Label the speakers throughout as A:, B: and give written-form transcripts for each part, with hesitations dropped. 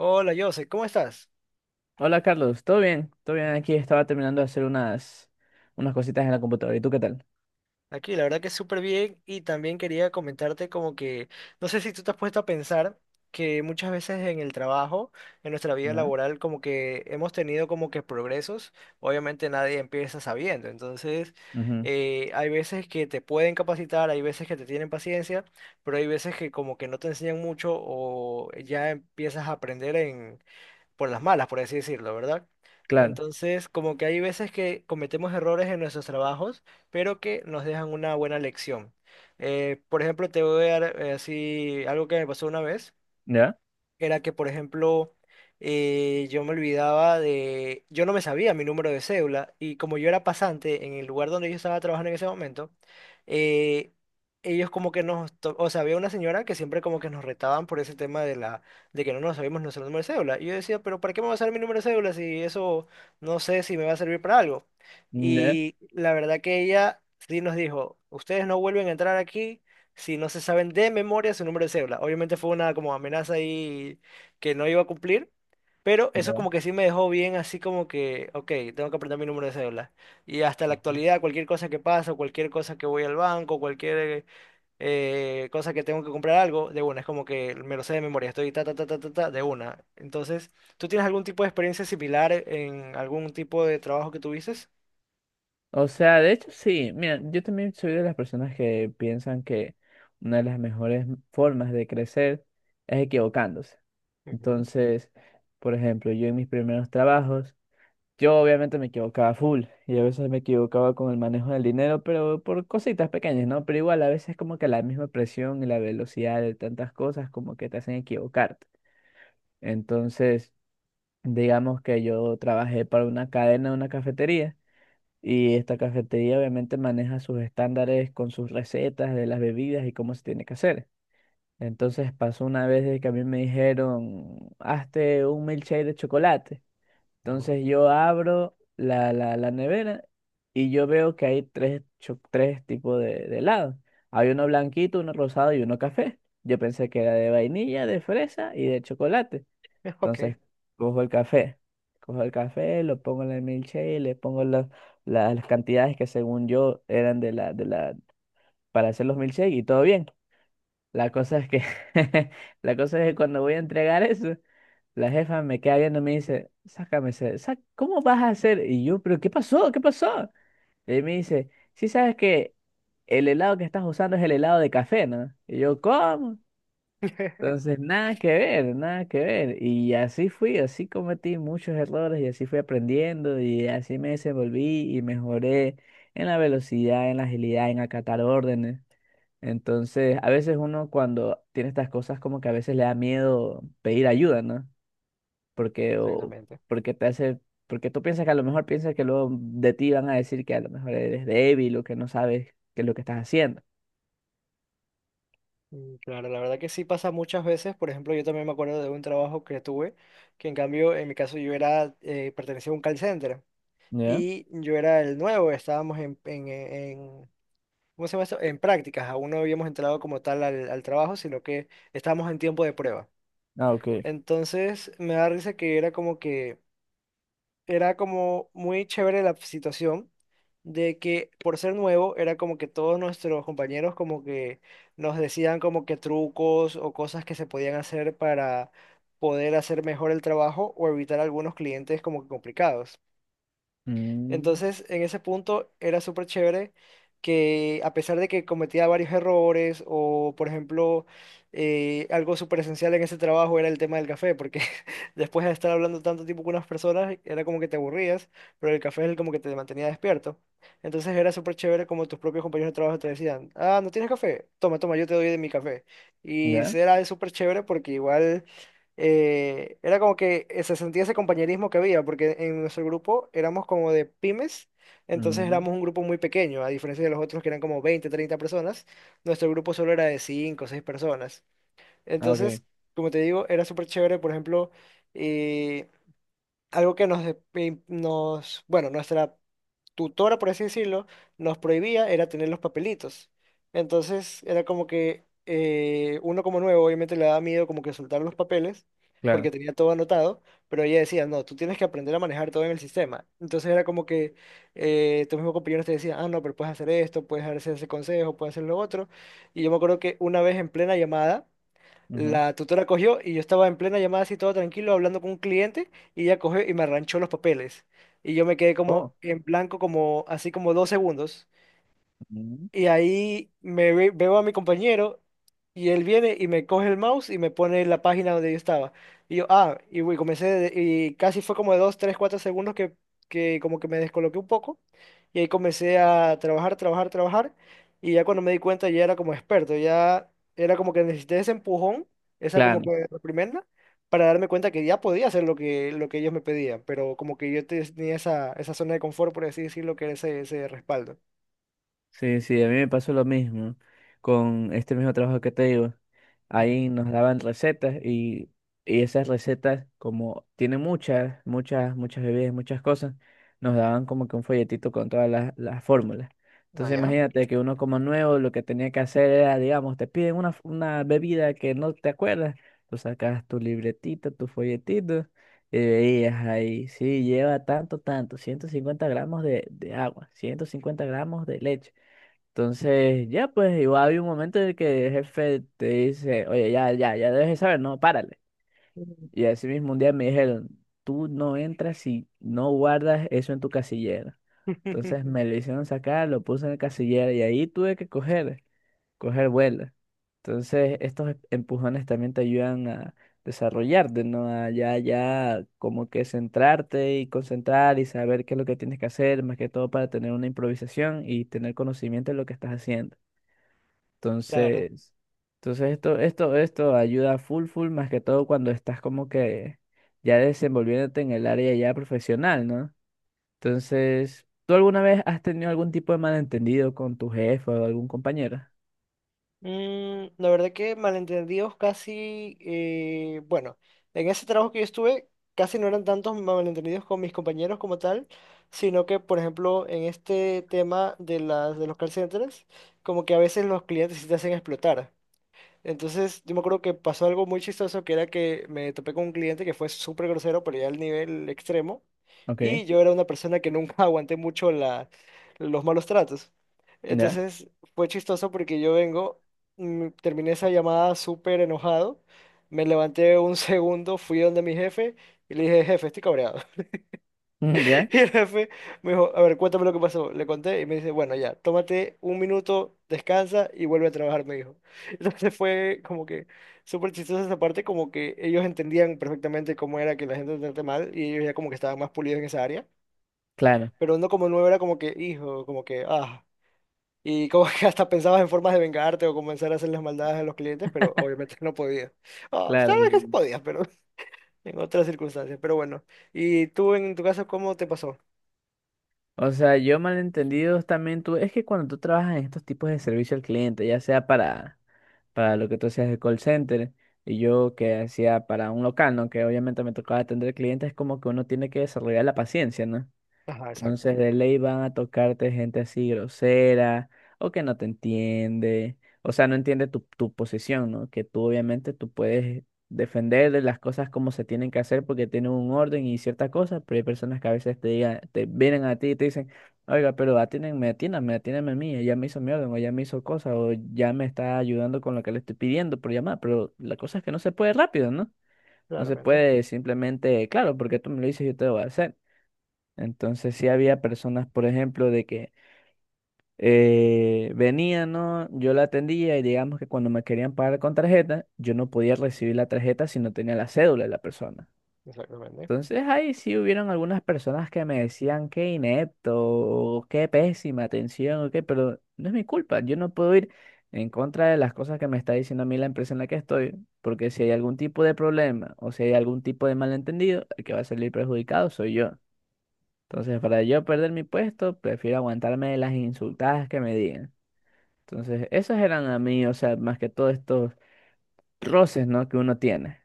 A: Hola, Jose, ¿cómo estás?
B: Hola Carlos, ¿todo bien? Todo bien, aquí estaba terminando de hacer unas cositas en la computadora. ¿Y tú qué tal?
A: Aquí, la verdad que súper bien y también quería comentarte como que, no sé si tú te has puesto a pensar que muchas veces en el trabajo, en nuestra vida
B: ¿Ya?
A: laboral, como que hemos tenido como que progresos, obviamente nadie empieza sabiendo, entonces
B: Ujú,
A: hay veces que te pueden capacitar, hay veces que te tienen paciencia, pero hay veces que como que no te enseñan mucho o ya empiezas a aprender por las malas, por así decirlo, ¿verdad?
B: claro.
A: Entonces, como que hay veces que cometemos errores en nuestros trabajos, pero que nos dejan una buena lección. Por ejemplo, te voy a dar así algo que me pasó una vez
B: ¿Ya?
A: era que, por ejemplo, yo me olvidaba de, yo no me sabía mi número de cédula y como yo era pasante en el lugar donde yo estaba trabajando en ese momento, eh, ellos como que o sea, había una señora que siempre como que nos retaban por ese tema de la, de que no nos sabíamos nuestro número de cédula. Y yo decía, pero ¿para qué me va a saber mi número de cédula si eso no sé si me va a servir para algo?
B: ¿Ya?
A: Y la verdad que ella sí nos dijo, ustedes no vuelven a entrar aquí si no se saben de memoria su número de cédula. Obviamente fue una como amenaza ahí que no iba a cumplir, pero eso
B: ¿Ya?
A: como que sí me dejó bien así como que, ok, tengo que aprender mi número de cédula. Y hasta la
B: Ujú.
A: actualidad, cualquier cosa que pasa, cualquier cosa que voy al banco, cualquier cosa que tengo que comprar algo, de una, es como que me lo sé de memoria, estoy ta, ta, ta, ta, ta, ta, de una. Entonces, ¿tú tienes algún tipo de experiencia similar en algún tipo de trabajo que tuviste?
B: O sea, de hecho sí, mira, yo también soy de las personas que piensan que una de las mejores formas de crecer es equivocándose.
A: Ujú,
B: Entonces, por ejemplo, yo en mis primeros trabajos, yo obviamente me equivocaba full y a veces me equivocaba con el manejo del dinero, pero por cositas pequeñas, ¿no? Pero igual a veces como que la misma presión y la velocidad de tantas cosas como que te hacen equivocarte. Entonces, digamos que yo trabajé para una cadena de una cafetería y esta cafetería obviamente maneja sus estándares con sus recetas de las bebidas y cómo se tiene que hacer. Entonces pasó una vez de que a mí me dijeron, hazte un milkshake de chocolate.
A: ajá,
B: Entonces yo abro la nevera y yo veo que hay tres tipos de helado. Hay uno blanquito, uno rosado y uno café. Yo pensé que era de vainilla, de fresa y de chocolate.
A: Ok.
B: Entonces cojo el café, cojo el café, lo pongo en el milkshake, le pongo las cantidades que según yo eran de la, para hacer los milkshakes y todo bien. La cosa es que, la cosa es que cuando voy a entregar eso, la jefa me queda viendo y me dice, sácame ese, ¿cómo vas a hacer? Y yo, pero ¿qué pasó? ¿Qué pasó? Y me dice, sí sabes que el helado que estás usando es el helado de café, ¿no? Y yo, ¿cómo? Entonces, nada que ver, nada que ver. Y así fui, así cometí muchos errores y así fui aprendiendo y así me desenvolví y mejoré en la velocidad, en la agilidad, en acatar órdenes. Entonces, a veces uno cuando tiene estas cosas como que a veces le da miedo pedir ayuda, ¿no? Porque, o,
A: Exactamente.
B: porque te hace, porque tú piensas que luego de ti van a decir que a lo mejor eres débil o que no sabes qué es lo que estás haciendo.
A: Claro, la verdad que sí pasa muchas veces. Por ejemplo, yo también me acuerdo de un trabajo que tuve, que en cambio, en mi caso, pertenecía a un call center
B: ¿Ya?
A: y yo era el nuevo, estábamos en- ¿cómo se llama esto? En prácticas, aún no habíamos entrado como tal al, al trabajo, sino que estábamos en tiempo de prueba.
B: Ah, ok.
A: Entonces, me da risa que era como muy chévere la situación de que por ser nuevo era como que todos nuestros compañeros como que nos decían como que trucos o cosas que se podían hacer para poder hacer mejor el trabajo o evitar algunos clientes como que complicados.
B: Mm,
A: Entonces, en ese punto era súper chévere que a pesar de que cometía varios errores o, por ejemplo, algo súper esencial en ese trabajo era el tema del café, porque después de estar hablando tanto tiempo con unas personas, era como que te aburrías, pero el café es el como que te mantenía despierto. Entonces era súper chévere como tus propios compañeros de trabajo te decían, ah, ¿no tienes café? Toma, toma, yo te doy de mi café. Y
B: ¿ya?
A: era súper chévere porque igual era como que se sentía ese compañerismo que había, porque en nuestro grupo éramos como de pymes, entonces
B: Mm,
A: éramos un grupo muy pequeño, a diferencia de los otros que eran como 20 30 personas, nuestro grupo solo era de cinco, 6 personas.
B: ah, ok,
A: Entonces, como te digo, era súper chévere, por ejemplo, eh, algo que bueno, nuestra tutora, por así decirlo, nos prohibía era tener los papelitos. Entonces era como que uno como nuevo obviamente le daba miedo como que soltar los papeles
B: claro.
A: porque tenía todo anotado, pero ella decía, no, tú tienes que aprender a manejar todo en el sistema. Entonces era como que tus mismos compañeros te decían, ah, no, pero puedes hacer esto, puedes hacer ese consejo, puedes hacer lo otro. Y yo me acuerdo que una vez en plena llamada
B: Ujú.
A: la tutora cogió y yo estaba en plena llamada así todo tranquilo hablando con un cliente y ella cogió y me arranchó los papeles. Y yo me quedé como
B: Oh.
A: en blanco como así como 2 segundos.
B: Mm,
A: Y ahí veo a mi compañero y él viene y me coge el mouse y me pone en la página donde yo estaba. Y yo, ah, y güey, y casi fue como de 2 3 4 segundos que como que me descoloqué un poco. Y ahí comencé a trabajar, trabajar, trabajar. Y ya cuando me di cuenta ya era como experto, ya era como que necesité ese empujón, esa como
B: claro.
A: que reprimenda, para darme cuenta que ya podía hacer lo que ellos me pedían. Pero como que yo tenía esa, esa zona de confort, por así decirlo, que era ese, ese respaldo.
B: Sí, sí, a mí me pasó lo mismo con este mismo trabajo que te digo.
A: Ujú.
B: Ahí nos daban recetas y esas recetas, como tiene muchas, muchas, muchas bebidas, muchas cosas, nos daban como que un folletito con todas las fórmulas.
A: Ah,
B: Entonces
A: ya.
B: imagínate que uno como nuevo lo que tenía que hacer era, digamos, te piden una bebida que no te acuerdas, tú sacas tu libretito, tu folletito y veías ahí, sí, lleva tanto, tanto, 150 gramos de agua, 150 gramos de leche. Entonces, ya pues, igual había un momento en el que el jefe te dice, oye, ya, ya, ya debes de saber, no, párale. Y así mismo un día me dijeron, tú no entras si no guardas eso en tu casillera. Entonces me lo hicieron sacar, lo puse en el casillero y ahí tuve que coger vuelo. Entonces estos empujones también te ayudan a desarrollarte, ¿no? A ya, ya como que centrarte y concentrar y saber qué es lo que tienes que hacer, más que todo para tener una improvisación y tener conocimiento de lo que estás haciendo.
A: Claro.
B: Entonces, esto ayuda full, full, más que todo cuando estás como que ya desenvolviéndote en el área ya profesional, ¿no? Entonces, ¿tú alguna vez has tenido algún tipo de malentendido con tu jefe o algún compañero?
A: La verdad que malentendidos casi, bueno, en ese trabajo que yo estuve, casi no eran tantos malentendidos con mis compañeros como tal, sino que, por ejemplo, en este tema de las, de los call centers, como que a veces los clientes sí te hacen explotar. Entonces, yo me acuerdo que pasó algo muy chistoso, que era que me topé con un cliente que fue súper grosero, pero ya al nivel extremo,
B: Ok,
A: y yo era una persona que nunca aguanté mucho los malos tratos.
B: ya,
A: Entonces, fue chistoso porque yo vengo, terminé esa llamada súper enojado, me levanté un segundo, fui donde mi jefe y le dije, jefe, estoy cabreado.
B: ya,
A: Y el jefe me dijo, a ver, cuéntame lo que pasó. Le conté y me dice, bueno, ya, tómate un minuto, descansa y vuelve a trabajar, me dijo. Entonces fue como que súper chistosa esa parte, como que ellos entendían perfectamente cómo era que la gente te trate mal y ellos ya como que estaban más pulidos en esa área,
B: claro,
A: pero uno como nuevo era como que, hijo, como que, ah, y como que hasta pensabas en formas de vengarte o comenzar a hacer las maldades a los clientes, pero obviamente no podías. Ah,
B: claro.
A: sabes que sí podías, pero en otras circunstancias, pero bueno. ¿Y tú en tu caso cómo te pasó?
B: O sea, yo malentendidos también tuve, es que cuando tú trabajas en estos tipos de servicio al cliente, ya sea para lo que tú hacías de call center y yo que hacía para un local, ¿no? Que obviamente me tocaba atender clientes, es como que uno tiene que desarrollar la paciencia, ¿no?
A: Ajá, exacto.
B: Entonces de ley van a tocarte gente así grosera o que no te entiende, o sea, no entiende tu posición, ¿no? Que tú obviamente tú puedes defender de las cosas como se tienen que hacer porque tienen un orden y ciertas cosas, pero hay personas que a veces te digan, te vienen a ti y te dicen, oiga, pero atiéndanme, atiéndanme, atiéndanme a mí, ella me hizo mi orden o ella me hizo cosas o ya me está ayudando con lo que le estoy pidiendo por llamar, pero la cosa es que no se puede rápido, ¿no? No se
A: Claramente,
B: puede simplemente, claro, porque tú me lo dices, yo te lo voy a hacer. Entonces sí había personas, por ejemplo, de que venían, ¿no? Yo la atendía y digamos que cuando me querían pagar con tarjeta, yo no podía recibir la tarjeta si no tenía la cédula de la persona.
A: exactamente.
B: Entonces ahí sí hubieron algunas personas que me decían qué inepto, o qué pésima atención, o qué, pero no es mi culpa, yo no puedo ir en contra de las cosas que me está diciendo a mí la empresa en la que estoy, porque si hay algún tipo de problema o si hay algún tipo de malentendido, el que va a salir perjudicado soy yo. Entonces, para yo perder mi puesto, prefiero aguantarme las insultadas que me digan. Entonces, esos eran a mí, o sea, más que todo estos roces, ¿no? que uno tiene.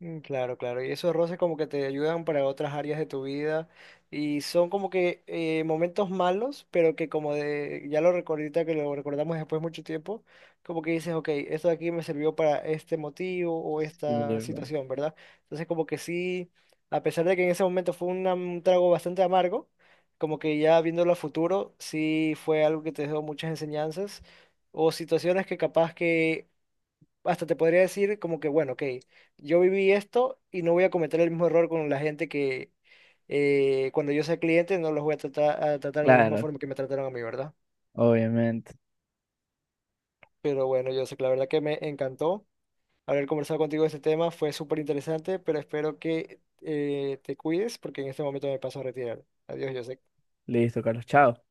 A: Claro, claro. Y esos roces como que te ayudan para otras áreas de tu vida y son como que momentos malos, pero que como de, ya lo recordita que lo recordamos después de mucho tiempo, como que dices, ok, esto de aquí me sirvió para este motivo o
B: Sí,
A: esta
B: bueno.
A: situación, ¿verdad? Entonces como que sí, a pesar de que en ese momento fue un trago bastante amargo, como que ya viéndolo a futuro, sí fue algo que te dejó muchas enseñanzas o situaciones que capaz que hasta te podría decir como que, bueno, ok, yo viví esto y no voy a cometer el mismo error con la gente que cuando yo sea cliente no los voy a tratar, de la misma
B: Claro,
A: forma que me trataron a mí, ¿verdad?
B: obviamente.
A: Pero bueno, yo sé que la verdad que me encantó haber conversado contigo de este tema, fue súper interesante, pero espero que te cuides porque en este momento me paso a retirar. Adiós, yo
B: Listo, Carlos, chao.